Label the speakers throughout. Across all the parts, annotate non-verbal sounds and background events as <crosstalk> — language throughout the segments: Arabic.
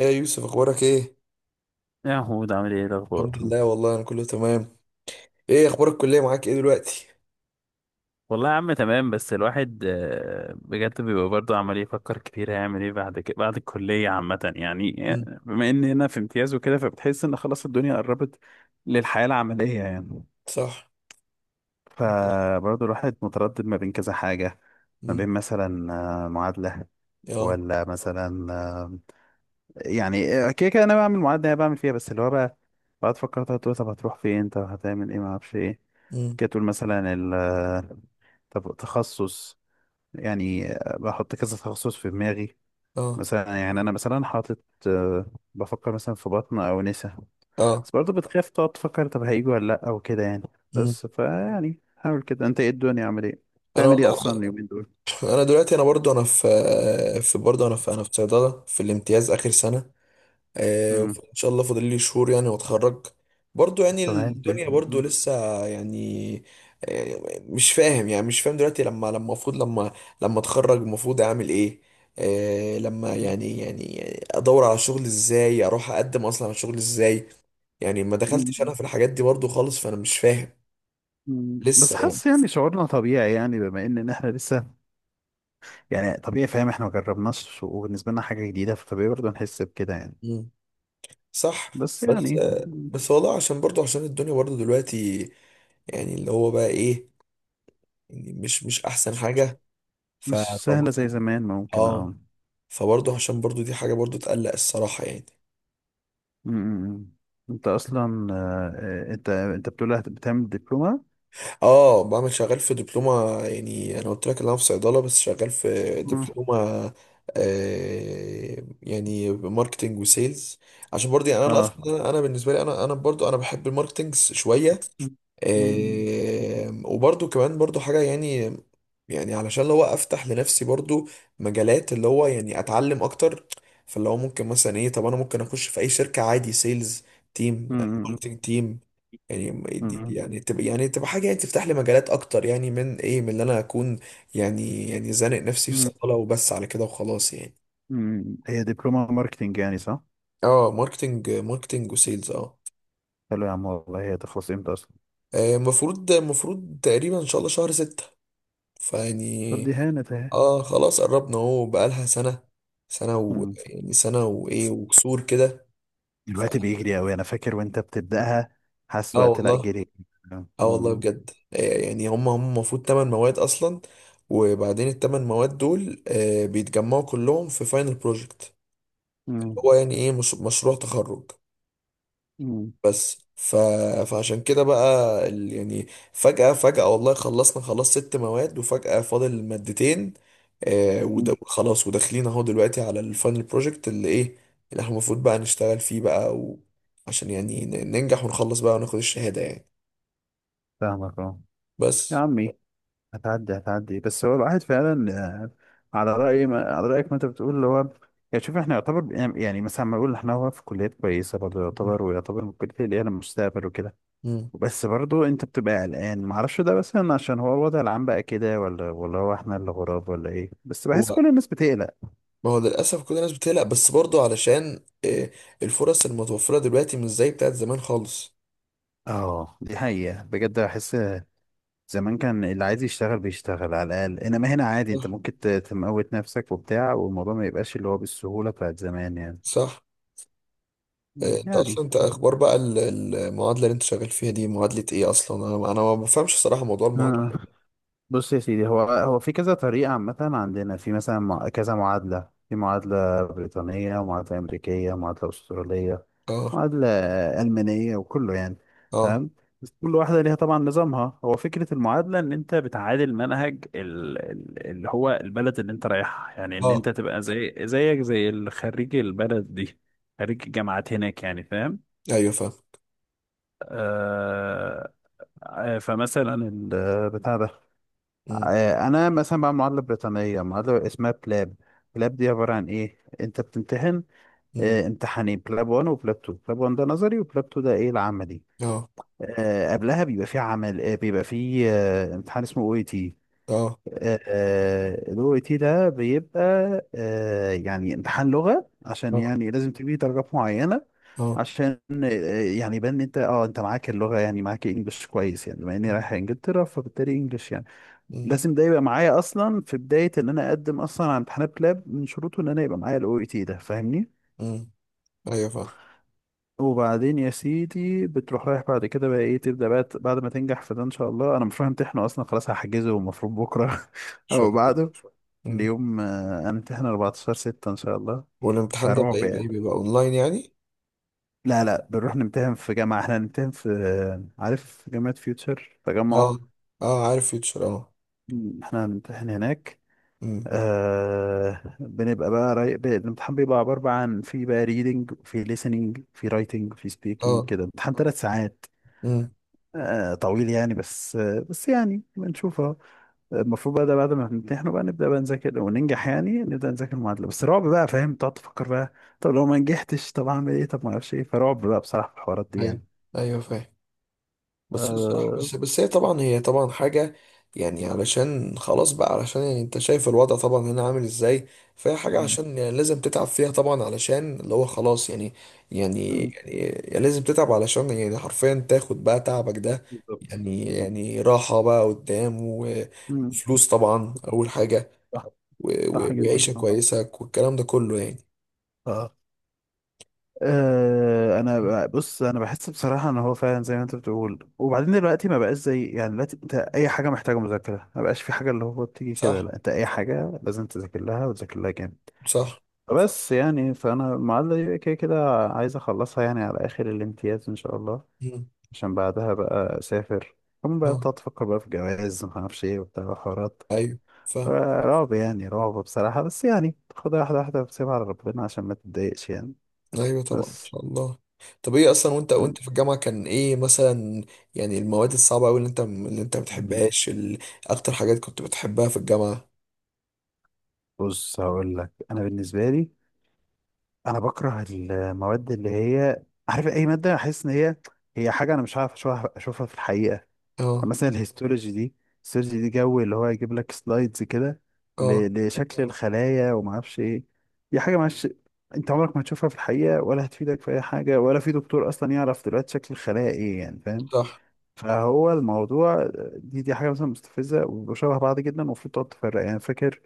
Speaker 1: ايه يا يوسف، اخبارك ايه؟
Speaker 2: يا محمود، عامل ايه؟ إيه
Speaker 1: الحمد
Speaker 2: الاخبار؟
Speaker 1: لله، والله انا كله تمام. ايه اخبار الكليه معاك ايه دلوقتي؟
Speaker 2: والله يا عم تمام، بس الواحد بجد بيبقى برضه عمال يفكر كتير هيعمل ايه بعد كده، بعد الكليه عامه يعني،
Speaker 1: مم.
Speaker 2: بما ان هنا في امتياز وكده فبتحس ان خلاص الدنيا قربت للحياه العمليه يعني.
Speaker 1: صح.
Speaker 2: فبرضه الواحد متردد ما بين كذا حاجه، ما
Speaker 1: امم.
Speaker 2: بين مثلا معادله
Speaker 1: اه.
Speaker 2: ولا مثلا، كده كده انا بعمل معادله، انا بعمل فيها بس اللي هو بقى بقعد افكر طب هتروح فين؟ طب هتعمل ايه؟ ما اعرفش ايه.
Speaker 1: امم.
Speaker 2: كده تقول مثلا طب تخصص يعني، بحط كذا تخصص في دماغي،
Speaker 1: اه.
Speaker 2: مثلا يعني انا مثلا حاطط، بفكر مثلا في بطن او نسا.
Speaker 1: اه.
Speaker 2: بس برضه بتخاف تقعد تفكر طب هيجوا ولا لا او كده يعني.
Speaker 1: امم.
Speaker 2: بس فيعني حاول كده، انت ايه الدنيا عامل ايه؟
Speaker 1: انا
Speaker 2: بتعمل ايه اصلا
Speaker 1: والله،
Speaker 2: اليومين دول؟
Speaker 1: انا دلوقتي انا برضو انا في برضو انا في انا في صيدله في الامتياز اخر سنه.
Speaker 2: امم.
Speaker 1: ان شاء الله فاضل لي شهور يعني واتخرج. برضو يعني
Speaker 2: تمام ده.
Speaker 1: الدنيا برضو
Speaker 2: مم.
Speaker 1: لسه يعني. مش فاهم، يعني مش فاهم دلوقتي لما المفروض لما لما اتخرج المفروض اعمل ايه. لما يعني ادور على شغل ازاي، اروح اقدم اصلا على شغل ازاي. يعني ما دخلتش انا
Speaker 2: مم.
Speaker 1: في الحاجات دي برضو خالص، فانا مش فاهم
Speaker 2: مم. بس
Speaker 1: لسه يعني.
Speaker 2: حاسس يعني شعورنا طبيعي، يعني بما إن احنا لسه يعني طبيعي، فاهم؟ احنا ما جربناش وبالنسبه لنا حاجه جديده، فطبيعي برضه نحس بكده يعني.
Speaker 1: مم. صح.
Speaker 2: بس
Speaker 1: بس
Speaker 2: يعني
Speaker 1: بس والله عشان برضو عشان الدنيا برضو دلوقتي يعني اللي هو بقى ايه، يعني مش احسن حاجة. ف
Speaker 2: مش سهلة زي زمان، ممكن،
Speaker 1: اه،
Speaker 2: اه.
Speaker 1: فبرضه عشان برضه دي حاجة برضه تقلق الصراحة يعني.
Speaker 2: م- م- م. انت اصلا، انت بتقول بتعمل دبلومة؟
Speaker 1: اه، بعمل شغال في دبلومة، يعني انا قلت لك ان انا في صيدلة بس شغال في
Speaker 2: مم.
Speaker 1: دبلومة. يعني ماركتينج وسيلز. عشان برضه يعني انا
Speaker 2: اه.
Speaker 1: اصلا انا أنا بالنسبة لي انا برضه انا بحب الماركتينج شوية.
Speaker 2: م-
Speaker 1: وبرضو كمان برضو حاجة يعني، يعني علشان لو افتح لنفسي برضو مجالات اللي هو يعني اتعلم اكتر. فاللي هو ممكن مثلا ايه، طب انا ممكن اخش في اي شركة عادي، سيلز تيم،
Speaker 2: م- م-
Speaker 1: ماركتنج تيم. يعني
Speaker 2: م-
Speaker 1: يعني تبقى حاجة يعني تفتح لي مجالات اكتر، يعني من ايه من اللي انا اكون يعني زانق نفسي في صيدلة وبس على كده وخلاص يعني.
Speaker 2: م. هي دبلومة ماركتينج يعني، صح؟
Speaker 1: اه، ماركتنج ماركتنج وسيلز اه.
Speaker 2: حلو يا عم والله. هي تخلص امتى اصلا؟
Speaker 1: المفروض تقريبا ان شاء الله شهر ستة،
Speaker 2: طب
Speaker 1: فيعني.
Speaker 2: دي هانت اهي.
Speaker 1: اه خلاص قربنا اهو، بقالها سنة، سنة و
Speaker 2: م.
Speaker 1: يعني سنة وايه وكسور كده. ف...
Speaker 2: الوقت بيجري اوي، انا فاكر وانت بتبدأها، حاسس
Speaker 1: اه
Speaker 2: وقت لا
Speaker 1: والله.
Speaker 2: جري. م-
Speaker 1: اه والله
Speaker 2: م-
Speaker 1: بجد، يعني هم المفروض تمن مواد اصلا. وبعدين التمن مواد دول بيتجمعوا كلهم في فاينل بروجكت،
Speaker 2: م-
Speaker 1: هو يعني ايه، مش... مشروع تخرج. بس ف... فعشان كده بقى يعني فجأة فجأة والله خلصنا خلاص ست مواد وفجأة فاضل مادتين.
Speaker 2: م.
Speaker 1: وده خلاص، وداخلين اهو دلوقتي على الفاينل بروجكت، اللي ايه، اللي احنا المفروض بقى نشتغل فيه بقى. عشان يعني ننجح ونخلص بقى وناخد الشهادة يعني
Speaker 2: فاهمك، اه. يا
Speaker 1: بس.
Speaker 2: عمي، هتعدي هتعدي. بس هو الواحد فعلا، آه، على رأيك، ما انت بتقول اللي هو يعني. شوف، احنا يعتبر يعني مثلا، ما اقول احنا، هو في كليات كويسة برضه يعتبر، ويعتبر من الكليات اللي هي المستقبل وكده.
Speaker 1: مم.
Speaker 2: بس برضه انت بتبقى قلقان، ما اعرفش، ده مثلا عشان هو الوضع العام بقى كده، ولا هو احنا اللي غراب، ولا ايه؟ بس
Speaker 1: هو
Speaker 2: بحس كل الناس بتقلق.
Speaker 1: ما هو للأسف كل الناس بتقلق، بس برضو علشان الفرص المتوفرة دلوقتي مش زي بتاعت زمان خالص.
Speaker 2: اه دي حقيقة، بجد بحس. زمان كان اللي عايز يشتغل بيشتغل على الأقل، انما هنا عادي انت
Speaker 1: صح.
Speaker 2: ممكن تموت نفسك وبتاع، والموضوع ما يبقاش اللي هو بالسهولة بتاعت زمان يعني.
Speaker 1: صح.
Speaker 2: مم.
Speaker 1: انت
Speaker 2: يعني.
Speaker 1: اصلا انت اخبار بقى المعادله اللي انت شغال فيها دي معادله ايه اصلا، انا ما بفهمش صراحه موضوع
Speaker 2: آه.
Speaker 1: المعادله.
Speaker 2: بص يا سيدي، هو في كذا طريقة عامة عندنا، في مثلا كذا معادلة، في معادلة بريطانية ومعادلة أمريكية ومعادلة أسترالية،
Speaker 1: اه.
Speaker 2: معادلة ألمانية وكله يعني.
Speaker 1: اه.
Speaker 2: تمام. بس كل واحدة ليها طبعا نظامها. هو فكرة المعادلة إن أنت بتعادل منهج، اللي هو البلد اللي أنت رايحها، يعني إن أنت
Speaker 1: اه.
Speaker 2: تبقى زي، زيك زي الخريج، البلد دي خريج الجامعات هناك يعني، فاهم؟
Speaker 1: ايوه فاهم.
Speaker 2: آه. فمثلا بتاع ده،
Speaker 1: امم.
Speaker 2: انا مثلا بعمل معادله بريطانيه، معادله اسمها بلاب. بلاب دي عباره عن ايه؟ انت بتمتحن
Speaker 1: امم.
Speaker 2: امتحانين، بلاب 1 وبلاب 2. بلاب 1 ده نظري وبلاب 2 ده ايه العملي.
Speaker 1: اه.
Speaker 2: قبلها بيبقى في عمل، بيبقى في امتحان اسمه او اي تي.
Speaker 1: اه.
Speaker 2: الاو اي تي ده بيبقى يعني امتحان لغه، عشان
Speaker 1: اه.
Speaker 2: يعني لازم تجيب درجات معينه،
Speaker 1: اه.
Speaker 2: عشان يعني يبان ان انت، اه انت معاك اللغه، يعني معاك انجلش كويس يعني. بما اني رايح انجلترا فبالتالي انجلش يعني
Speaker 1: امم.
Speaker 2: لازم ده يبقى معايا اصلا في بدايه ان انا اقدم اصلا على امتحانات لاب، من شروطه ان انا يبقى معايا الاو اي تي ده، فاهمني؟
Speaker 1: امم. ايوه فاهم.
Speaker 2: وبعدين يا سيدي بتروح، رايح بعد كده بقى ايه، تبدا بقى بعد ما تنجح في ده ان شاء الله. انا مش رايح امتحنه اصلا خلاص، هحجزه المفروض بكره <laughs> او
Speaker 1: شويه.
Speaker 2: بعده
Speaker 1: امم.
Speaker 2: ليوم. انا امتحن 14 6 ان شاء الله.
Speaker 1: والامتحان ده بقى
Speaker 2: فرعب
Speaker 1: ايه، بقى
Speaker 2: يعني.
Speaker 1: ايه، بيبقى اونلاين يعني؟
Speaker 2: لا لا، بنروح نمتحن في جامعة، احنا هنمتحن في، عارف جامعة فيوتشر تجمع؟
Speaker 1: اه. اه عارف فيوتشر اه.
Speaker 2: مم. احنا هنمتحن هناك.
Speaker 1: امم.
Speaker 2: آه بنبقى بقى راي... ب- الامتحان بيبقى عبارة بقى عن، في بقى ريدنج، في listening، في رايتنج، في سبيكينج
Speaker 1: اه.
Speaker 2: كده، امتحان ثلاث ساعات.
Speaker 1: امم.
Speaker 2: آه طويل يعني، بس آه، بس يعني بنشوفها. المفروض بقى ده بعد ما نمتحنه بقى نبدأ بقى نذاكر وننجح يعني، نبدأ نذاكر المعادلة. بس رعب بقى، فاهم؟ تقعد تفكر بقى، طب لو ما نجحتش، طب اعمل ايه؟ طب ما اعرفش ايه. فرعب بقى بصراحة في الحوارات دي
Speaker 1: ايوه.
Speaker 2: يعني.
Speaker 1: ايوه فاهم. بس هو الصراحة،
Speaker 2: آه.
Speaker 1: بس هي طبعا، هي طبعا حاجة يعني علشان خلاص بقى، علشان يعني انت شايف الوضع طبعا هنا عامل ازاي. فهي حاجة عشان يعني لازم تتعب فيها طبعا، علشان اللي هو خلاص يعني، يعني
Speaker 2: مم.
Speaker 1: يعني يعني لازم تتعب علشان يعني حرفيا تاخد بقى تعبك ده،
Speaker 2: بالظبط
Speaker 1: يعني
Speaker 2: بالظبط.
Speaker 1: يعني راحة بقى قدام
Speaker 2: مم.
Speaker 1: وفلوس طبعا أول حاجة
Speaker 2: صح، صح جدا،
Speaker 1: وعيشة
Speaker 2: اه.
Speaker 1: كويسة والكلام ده كله يعني.
Speaker 2: آه. انا بص، انا بحس بصراحه ان هو فعلا زي ما انت بتقول. وبعدين دلوقتي ما بقاش زي يعني، دلوقتي انت اي حاجه محتاجه مذاكره، ما بقاش في حاجه اللي هو بتيجي كده،
Speaker 1: صح.
Speaker 2: لا انت اي حاجه لازم تذاكر لها وتذاكر لها جامد.
Speaker 1: صح.
Speaker 2: بس يعني، فانا المعادله دي كده كده عايز اخلصها يعني، على اخر الامتياز ان شاء الله،
Speaker 1: مم.
Speaker 2: عشان بعدها بقى اسافر. كمان بقى
Speaker 1: اه.
Speaker 2: تقعد تفكر بقى في جواز، ما اعرفش ايه وبتاع حوارات.
Speaker 1: ايوه فاهم.
Speaker 2: رعب يعني، رعب بصراحة. بس يعني خدها واحدة واحدة وسيبها على ربنا عشان ما تتضايقش يعني.
Speaker 1: ايوه طبعا ان
Speaker 2: بس.
Speaker 1: شاء الله. طب ايه اصلا، وانت وانت في الجامعه كان ايه مثلا يعني المواد الصعبه قوي اللي انت اللي انت ما
Speaker 2: م-
Speaker 1: بتحبهاش اكتر حاجات كنت بتحبها في الجامعه؟
Speaker 2: بص هقول لك، أنا بالنسبة لي أنا بكره المواد اللي هي، عارف، أي مادة أحس إن هي، هي حاجة أنا مش عارف أشوفها، أشوفها في الحقيقة يعني.
Speaker 1: اه.
Speaker 2: مثلا الهيستولوجي دي، الهيستولوجي دي جو اللي هو يجيب لك سلايدز كده
Speaker 1: اه.
Speaker 2: لشكل الخلايا وما أعرفش إيه. دي حاجة معلش، أنت عمرك ما تشوفها في الحقيقة، ولا هتفيدك في أي حاجة، ولا في دكتور أصلا يعرف دلوقتي شكل الخلايا إيه، يعني فاهم.
Speaker 1: صح.
Speaker 2: فهو الموضوع، دي حاجه مثلا مستفزه، وشبه بعض جدا، المفروض تقعد تفرق يعني. فاكر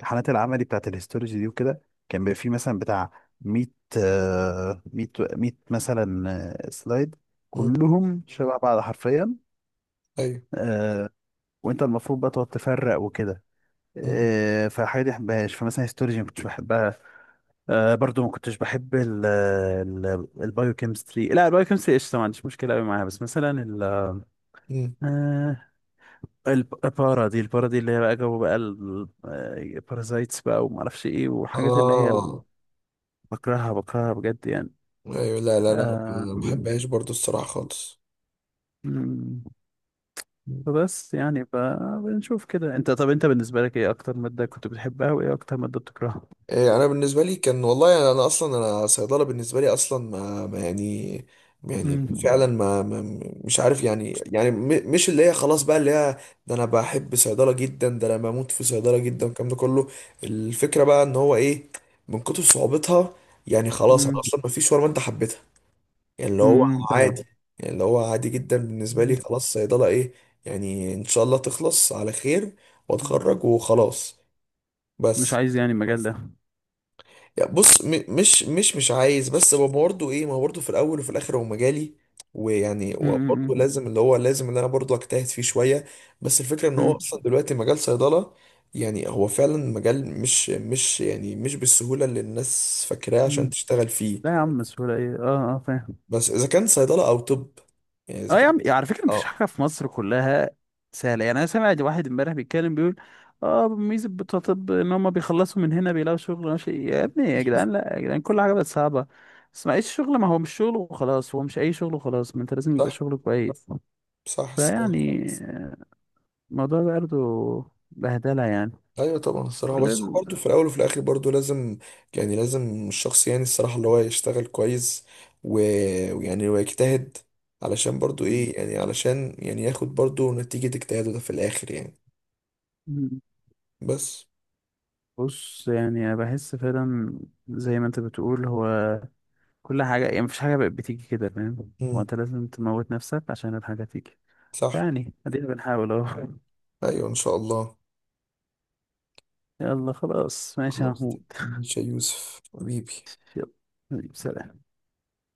Speaker 2: امتحانات العملي بتاعت الهيستولوجي دي وكده، كان بيبقى فيه مثلا بتاع 100، 100 100 مثلا، سلايد،
Speaker 1: امم.
Speaker 2: كلهم شبه بعض حرفيا.
Speaker 1: ايوه.
Speaker 2: آه، وانت المفروض بقى تقعد تفرق وكده.
Speaker 1: امم.
Speaker 2: فالحاجه دي مبحبهاش، فمثلا هيستولوجي ما كنتش بحبها. برضو ما كنتش بحب ال البايوكيمستري، لا البايوكيمستري قشطه، ما عنديش مشكله قوي معاها. بس مثلا ال،
Speaker 1: امم.
Speaker 2: آه، البارا دي، البارا دي اللي هي بقى جو بقى البارازايتس بقى وما اعرفش ايه، وحاجات اللي هي
Speaker 1: اه.
Speaker 2: بكرهها، بكرهها بجد يعني.
Speaker 1: ايوه لا لا لا،
Speaker 2: آه.
Speaker 1: ما بحبهاش برضو الصراحه خالص.
Speaker 2: مم. فبس يعني بنشوف كده. انت، طب انت بالنسبة لك، ايه اكتر مادة كنت بتحبها وايه اكتر مادة بتكرهها؟
Speaker 1: انا بالنسبه لي كان والله يعني انا اصلا انا صيدله بالنسبه لي اصلا ما يعني، يعني فعلا
Speaker 2: مم.
Speaker 1: ما مش عارف يعني يعني مش اللي هي خلاص بقى اللي هي، ده انا بحب صيدله جدا، ده انا بموت في صيدله جدا الكلام ده كله. الفكره بقى ان هو ايه، من كتر صعوبتها يعني خلاص انا
Speaker 2: مم.
Speaker 1: اصلا ما فيش ولا ما انت حبيتها، يعني اللي هو
Speaker 2: مم. فاهمك.
Speaker 1: عادي، يعني اللي هو عادي جدا بالنسبه لي
Speaker 2: مم.
Speaker 1: خلاص. صيدله ايه يعني، ان شاء الله تخلص على خير
Speaker 2: مم.
Speaker 1: واتخرج وخلاص
Speaker 2: مش
Speaker 1: بس.
Speaker 2: عايز يعني المجال ده؟
Speaker 1: يعني بص، مش مش عايز، بس هو برضه ايه، ما هو برضه في الاول وفي الاخر هو مجالي، ويعني
Speaker 2: مم.
Speaker 1: وبرضه
Speaker 2: مم.
Speaker 1: لازم اللي هو لازم اللي انا برضه اجتهد فيه شويه. بس الفكره ان هو
Speaker 2: مم.
Speaker 1: اصلا دلوقتي مجال صيدله، يعني هو فعلا مجال مش يعني مش بالسهوله اللي الناس فاكراه عشان
Speaker 2: مم.
Speaker 1: تشتغل
Speaker 2: لا يا
Speaker 1: فيه.
Speaker 2: عم، سهولة ايه؟ اه اه فاهم.
Speaker 1: بس اذا كان صيدله او طب، يعني اذا
Speaker 2: اه يا
Speaker 1: كان
Speaker 2: عم، على فكره مفيش
Speaker 1: اه.
Speaker 2: حاجه في مصر كلها سهله يعني. انا سمعت واحد امبارح بيتكلم بيقول اه ميزه بتوع طب ان هم بيخلصوا من هنا بيلاقوا شغل ماشي. يا ابني يا جدعان، لا يا جدعان، كل حاجه بقت صعبه. بس ما ايش شغل، ما هو مش شغل وخلاص، هو مش اي شغل وخلاص، ما انت لازم يبقى
Speaker 1: صح.
Speaker 2: شغل كويس.
Speaker 1: صح. صح.
Speaker 2: فيعني الموضوع برضه بهدله يعني.
Speaker 1: ايوه طبعا الصراحه،
Speaker 2: كل
Speaker 1: بس هو
Speaker 2: ال-
Speaker 1: برضه في الاول وفي الاخر برضه لازم، يعني لازم الشخص يعني الصراحه اللي هو يشتغل كويس و- ويعني ويجتهد علشان برضه ايه، يعني علشان يعني ياخد برضه نتيجه اجتهاده ده في الاخر يعني بس.
Speaker 2: بص يعني، انا بحس فعلا زي ما انت بتقول، هو كل حاجة يعني مفيش حاجة بقت بتيجي كده، فاهم؟ هو
Speaker 1: امم.
Speaker 2: انت لازم تموت نفسك عشان الحاجة تيجي.
Speaker 1: صح.
Speaker 2: يعني ادينا بنحاول اهو.
Speaker 1: ايوه ان شاء الله.
Speaker 2: <laughs> يلا خلاص، ماشي يا
Speaker 1: خلاص
Speaker 2: محمود. <laughs>
Speaker 1: ماشي يا يوسف حبيبي.
Speaker 2: يلا حبيبي، سلام.